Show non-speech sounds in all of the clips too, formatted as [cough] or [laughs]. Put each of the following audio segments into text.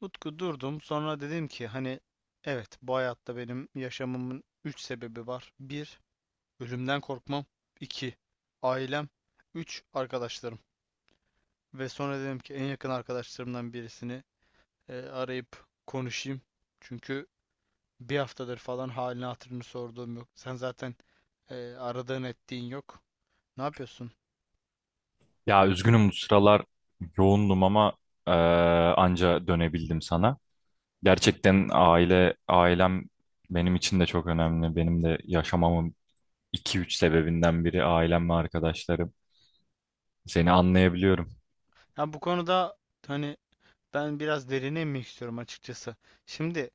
Utku durdum. Sonra dedim ki evet, bu hayatta benim yaşamımın 3 sebebi var. Bir, ölümden korkmam. İki ailem. Üç, arkadaşlarım. Ve sonra dedim ki en yakın arkadaşlarımdan birisini arayıp konuşayım. Çünkü bir haftadır falan halini hatırını sorduğum yok. Sen zaten aradığın ettiğin yok. Ne yapıyorsun? Ya üzgünüm bu sıralar yoğundum ama e, anca dönebildim sana. Gerçekten ailem benim için de çok önemli. Benim de yaşamamın iki üç sebebinden biri ailem ve arkadaşlarım. Seni anlayabiliyorum. Ya bu konuda hani ben biraz derine inmek istiyorum açıkçası. Şimdi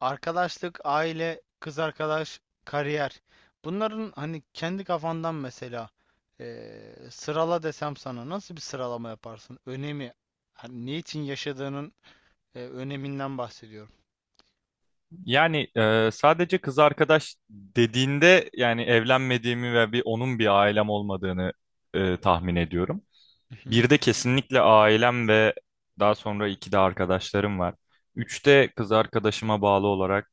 arkadaşlık, aile, kız arkadaş, kariyer. Bunların hani kendi kafandan mesela sırala desem sana nasıl bir sıralama yaparsın? Önemi, hani niçin yaşadığının öneminden bahsediyorum. Yani sadece kız arkadaş dediğinde yani evlenmediğimi ve bir onun bir ailem olmadığını tahmin ediyorum. Mhm. Bir de kesinlikle ailem ve daha sonra iki de arkadaşlarım var. Üçte kız arkadaşıma bağlı olarak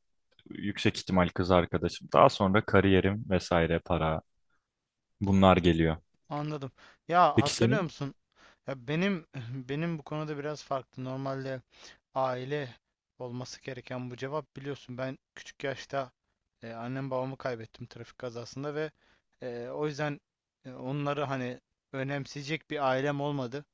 yüksek ihtimal kız arkadaşım. Daha sonra kariyerim vesaire para bunlar geliyor. Anladım. Ya Peki hatırlıyor senin? musun? Ya benim [laughs] benim bu konuda biraz farklı. Normalde aile olması gereken bu cevap, biliyorsun ben küçük yaşta annem babamı kaybettim trafik kazasında ve o yüzden onları hani önemseyecek bir ailem olmadı.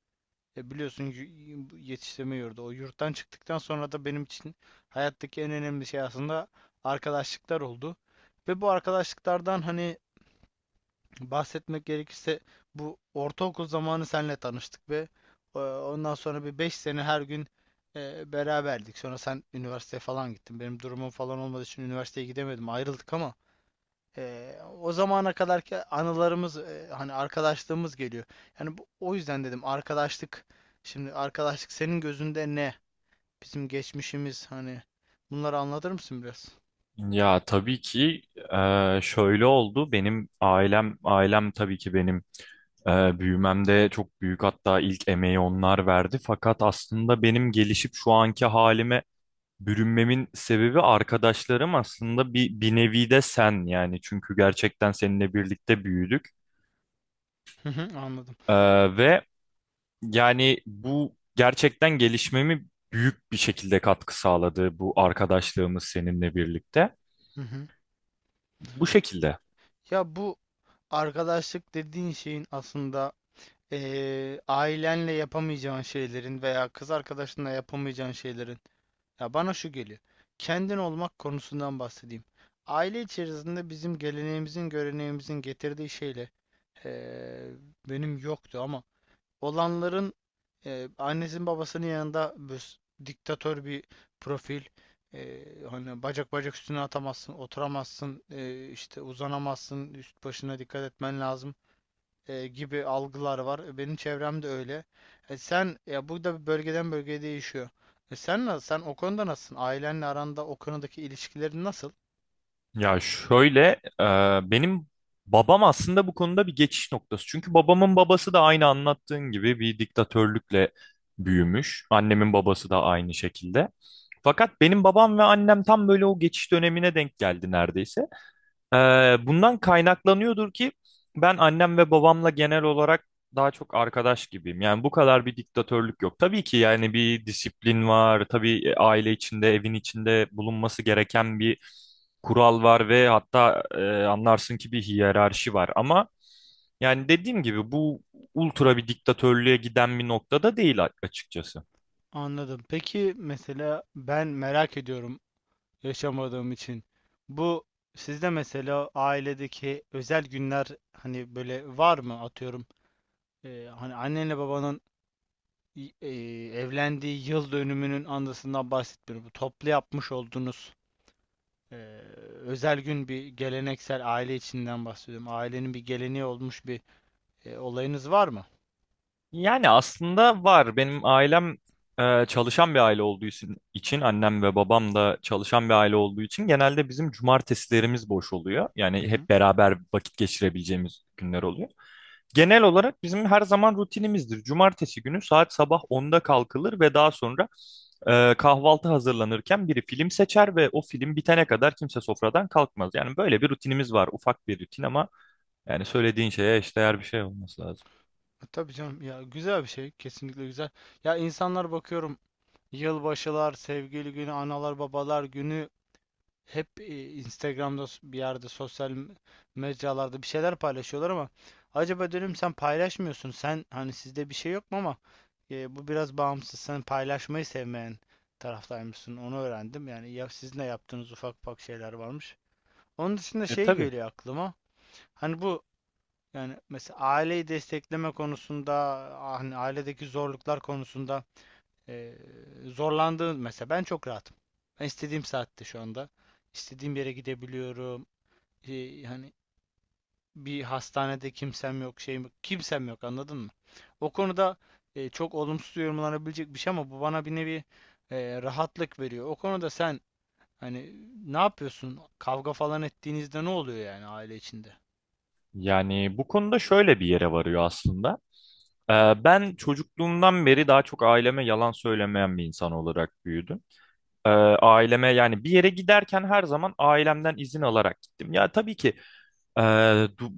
Biliyorsun, bu yetiştirme yurdu. O yurttan çıktıktan sonra da benim için hayattaki en önemli şey aslında arkadaşlıklar oldu. Ve bu arkadaşlıklardan hani bahsetmek gerekirse bu ortaokul zamanı senle tanıştık ve ondan sonra bir 5 sene her gün beraberdik. Sonra sen üniversiteye falan gittin. Benim durumum falan olmadığı için üniversiteye gidemedim. Ayrıldık ama e, o zamana kadarki anılarımız hani arkadaşlığımız geliyor. Yani bu, o yüzden dedim arkadaşlık, şimdi arkadaşlık senin gözünde ne? Bizim geçmişimiz, hani bunları anlatır mısın biraz? Ya tabii ki şöyle oldu. Benim ailem tabii ki benim büyümemde çok büyük hatta ilk emeği onlar verdi. Fakat aslında benim gelişip şu anki halime bürünmemin sebebi arkadaşlarım aslında bir nevi de sen, yani çünkü gerçekten seninle birlikte büyüdük. Hı hı, anladım. Ve yani bu gerçekten gelişmemi büyük bir şekilde katkı sağladı bu arkadaşlığımız seninle birlikte. Hı hı. Bu şekilde. Ya bu arkadaşlık dediğin şeyin aslında ailenle yapamayacağın şeylerin veya kız arkadaşınla yapamayacağın şeylerin. Ya bana şu geliyor. Kendin olmak konusundan bahsedeyim. Aile içerisinde bizim geleneğimizin, göreneğimizin getirdiği şeyle eee, benim yoktu ama olanların annesinin babasının yanında diktatör bir profil, hani bacak bacak üstüne atamazsın, oturamazsın, işte uzanamazsın, üst başına dikkat etmen lazım gibi algılar var. Benim çevremde öyle. Sen ya, burada bir bölgeden bölgeye değişiyor. Sen nasıl? Sen o konuda nasılsın? Ailenle aranda o konudaki ilişkilerin nasıl? Ya şöyle, e, benim babam aslında bu konuda bir geçiş noktası. Çünkü babamın babası da aynı anlattığın gibi bir diktatörlükle büyümüş. Annemin babası da aynı şekilde. Fakat benim babam ve annem tam böyle o geçiş dönemine denk geldi neredeyse. Ee, Bundan kaynaklanıyordur ki ben annem ve babamla genel olarak daha çok arkadaş gibiyim. Yani bu kadar bir diktatörlük yok. Tabii ki yani bir disiplin var. Tabii, aile içinde, evin içinde bulunması gereken bir kural var ve hatta anlarsın ki bir hiyerarşi var. Ama yani dediğim gibi bu ultra bir diktatörlüğe giden bir noktada değil, açıkçası. Anladım. Peki mesela ben merak ediyorum yaşamadığım için. Bu sizde mesela ailedeki özel günler hani böyle var mı, atıyorum? Hani annenle babanın e, evlendiği yıl dönümünün andasından bahsetmiyorum. Bu toplu yapmış olduğunuz Ee, özel gün, bir geleneksel aile içinden bahsediyorum. Ailenin bir geleneği olmuş bir olayınız var mı? Yani aslında var. Benim ailem çalışan bir aile olduğu için, annem ve babam da çalışan bir aile olduğu için genelde bizim cumartesilerimiz boş oluyor. Hı Yani hı. hep beraber vakit geçirebileceğimiz günler oluyor. Genel olarak bizim her zaman rutinimizdir: cumartesi günü saat sabah onda kalkılır ve daha sonra kahvaltı hazırlanırken biri film seçer ve o film bitene kadar kimse sofradan kalkmaz. Yani böyle bir rutinimiz var. Ufak bir rutin ama yani söylediğin şeye eşdeğer bir şey olması lazım. Tabii canım, ya güzel bir şey, kesinlikle güzel. Ya insanlar bakıyorum yılbaşılar, sevgili günü, analar babalar günü hep Instagram'da bir yerde sosyal mecralarda bir şeyler paylaşıyorlar ama acaba diyorum sen paylaşmıyorsun. Sen hani sizde bir şey yok mu ama bu biraz bağımsız. Sen paylaşmayı sevmeyen taraftaymışsın. Onu öğrendim. Yani ya sizin de yaptığınız ufak ufak şeyler varmış. Onun dışında E şey tabii. geliyor aklıma. Hani bu, yani mesela aileyi destekleme konusunda, hani ailedeki zorluklar konusunda ee, zorlandığın, mesela ben çok rahatım. Ben istediğim saatte şu anda İstediğim yere gidebiliyorum. Hani bir hastanede kimsem yok, şeyim yok, kimsem yok, anladın mı? O konuda çok olumsuz yorumlanabilecek bir şey ama bu bana bir nevi rahatlık veriyor. O konuda sen hani ne yapıyorsun? Kavga falan ettiğinizde ne oluyor yani aile içinde? Yani bu konuda şöyle bir yere varıyor aslında. Ben çocukluğumdan beri daha çok aileme yalan söylemeyen bir insan olarak büyüdüm. Ee, Aileme, yani bir yere giderken her zaman ailemden izin alarak gittim. Ya tabii ki ee, du-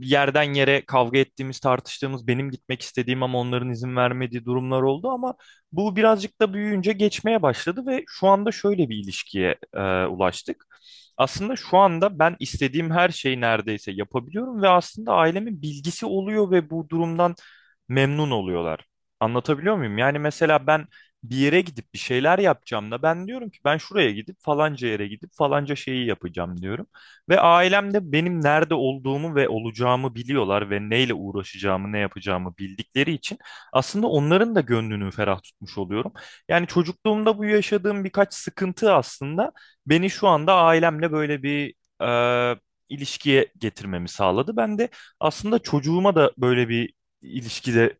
yerden yere kavga ettiğimiz, tartıştığımız, benim gitmek istediğim ama onların izin vermediği durumlar oldu ama bu birazcık da büyüyünce geçmeye başladı ve şu anda şöyle bir ilişkiye ulaştık. Aslında şu anda ben istediğim her şeyi neredeyse yapabiliyorum ve aslında ailemin bilgisi oluyor ve bu durumdan memnun oluyorlar. Anlatabiliyor muyum? Yani mesela ben bir yere gidip bir şeyler yapacağım da ben diyorum ki ben şuraya gidip falanca yere gidip falanca şeyi yapacağım diyorum. Ve ailem de benim nerede olduğumu ve olacağımı biliyorlar ve neyle uğraşacağımı, ne yapacağımı bildikleri için aslında onların da gönlünü ferah tutmuş oluyorum. Yani çocukluğumda bu yaşadığım birkaç sıkıntı aslında beni şu anda ailemle böyle bir e, ilişkiye getirmemi sağladı. Ben de aslında çocuğuma da böyle bir ilişkide,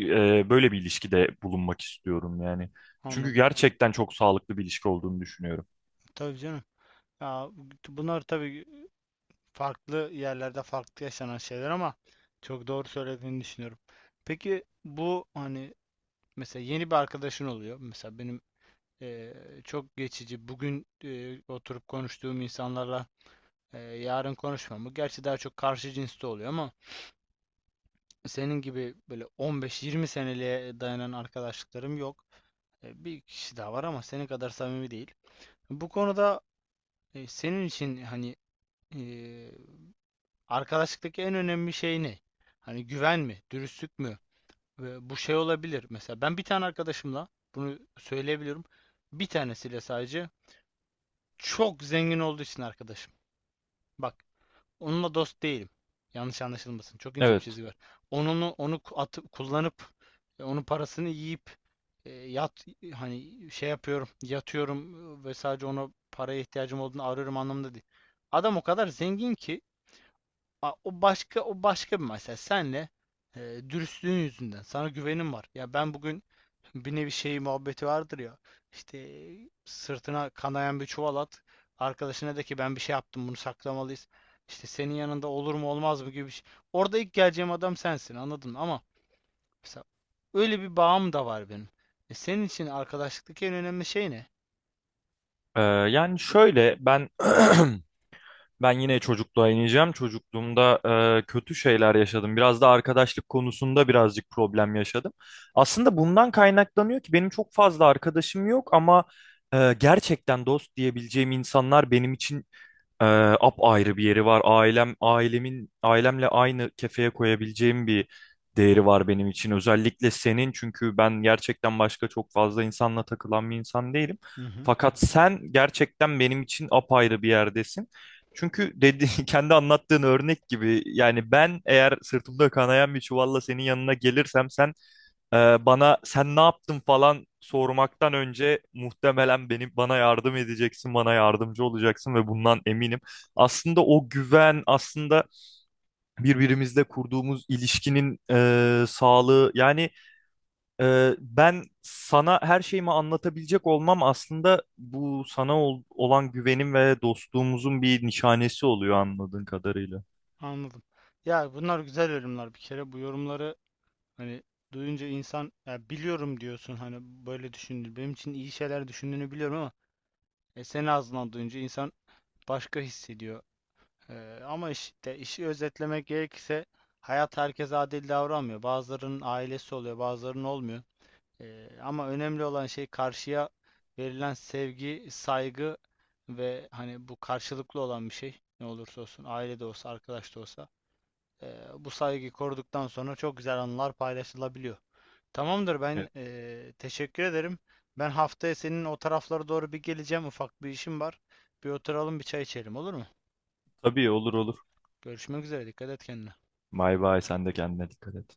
böyle bir ilişkide bulunmak istiyorum yani. Çünkü Anladım. gerçekten çok sağlıklı bir ilişki olduğunu düşünüyorum. Tabii canım. Ya, bunlar tabii farklı yerlerde farklı yaşanan şeyler ama çok doğru söylediğini düşünüyorum. Peki bu hani mesela yeni bir arkadaşın oluyor. Mesela benim çok geçici, bugün oturup konuştuğum insanlarla yarın konuşmamı. Gerçi daha çok karşı cinste oluyor ama senin gibi böyle 15-20 seneliğe dayanan arkadaşlıklarım yok. Bir kişi daha var ama senin kadar samimi değil. Bu konuda senin için hani e, arkadaşlıktaki en önemli şey ne? Hani güven mi, dürüstlük mü? Ve bu şey olabilir. Mesela ben bir tane arkadaşımla bunu söyleyebiliyorum. Bir tanesiyle sadece çok zengin olduğu için arkadaşım. Bak, onunla dost değilim. Yanlış anlaşılmasın, çok ince bir Evet. çizgi var. Onu atıp kullanıp onun parasını yiyip e, yat hani şey yapıyorum, yatıyorum ve sadece ona paraya ihtiyacım olduğunu arıyorum anlamında değil. Adam o kadar zengin ki. O başka, o başka bir mesele. Senle e, dürüstlüğün yüzünden sana güvenim var. Ya ben bugün bir nevi şey muhabbeti vardır ya. İşte sırtına kanayan bir çuval at. Arkadaşına de ki ben bir şey yaptım, bunu saklamalıyız. İşte senin yanında olur mu olmaz mı gibi bir şey. Orada ilk geleceğim adam sensin, anladın mı? Ama mesela öyle bir bağım da var benim. E senin için arkadaşlıktaki en önemli şey ne? Yani şöyle ben [clears throat] ben yine çocukluğa ineceğim. Çocukluğumda kötü şeyler yaşadım. Biraz da arkadaşlık konusunda birazcık problem yaşadım. Aslında bundan kaynaklanıyor ki benim çok fazla arkadaşım yok ama gerçekten dost diyebileceğim insanlar benim için ee, apayrı bir yeri var. Ailemle aynı kefeye koyabileceğim bir değeri var benim için. Özellikle senin, çünkü ben gerçekten başka çok fazla insanla takılan bir insan değilim. Hı hı. Fakat sen gerçekten benim için apayrı bir yerdesin. Çünkü dedi, [laughs] kendi anlattığın örnek gibi, yani ben eğer sırtımda kanayan bir çuvalla senin yanına gelirsem sen bana sen ne yaptın falan sormaktan önce muhtemelen bana yardım edeceksin, bana yardımcı olacaksın ve bundan eminim. Aslında o güven, aslında birbirimizle kurduğumuz ilişkinin sağlığı. Yani ben sana her şeyimi anlatabilecek olmam aslında bu sana olan güvenim ve dostluğumuzun bir nişanesi oluyor anladığın kadarıyla. Anladım. Ya bunlar güzel yorumlar bir kere. Bu yorumları hani duyunca insan ya biliyorum diyorsun, hani böyle düşündü. Benim için iyi şeyler düşündüğünü biliyorum ama senin ağzından duyunca insan başka hissediyor. Ama işte işi özetlemek gerekirse hayat herkese adil davranmıyor. Bazılarının ailesi oluyor, bazılarının olmuyor. Ama önemli olan şey karşıya verilen sevgi, saygı ve hani bu karşılıklı olan bir şey. Ne olursa olsun, aile de olsa, arkadaş da olsa. Bu saygıyı koruduktan sonra çok güzel anılar paylaşılabiliyor. Tamamdır, ben Evet. Teşekkür ederim. Ben haftaya senin o taraflara doğru bir geleceğim. Ufak bir işim var. Bir oturalım, bir çay içelim, olur mu? Tabii, olur olur. Görüşmek üzere. Dikkat et kendine. Bay bay, sen de kendine dikkat et.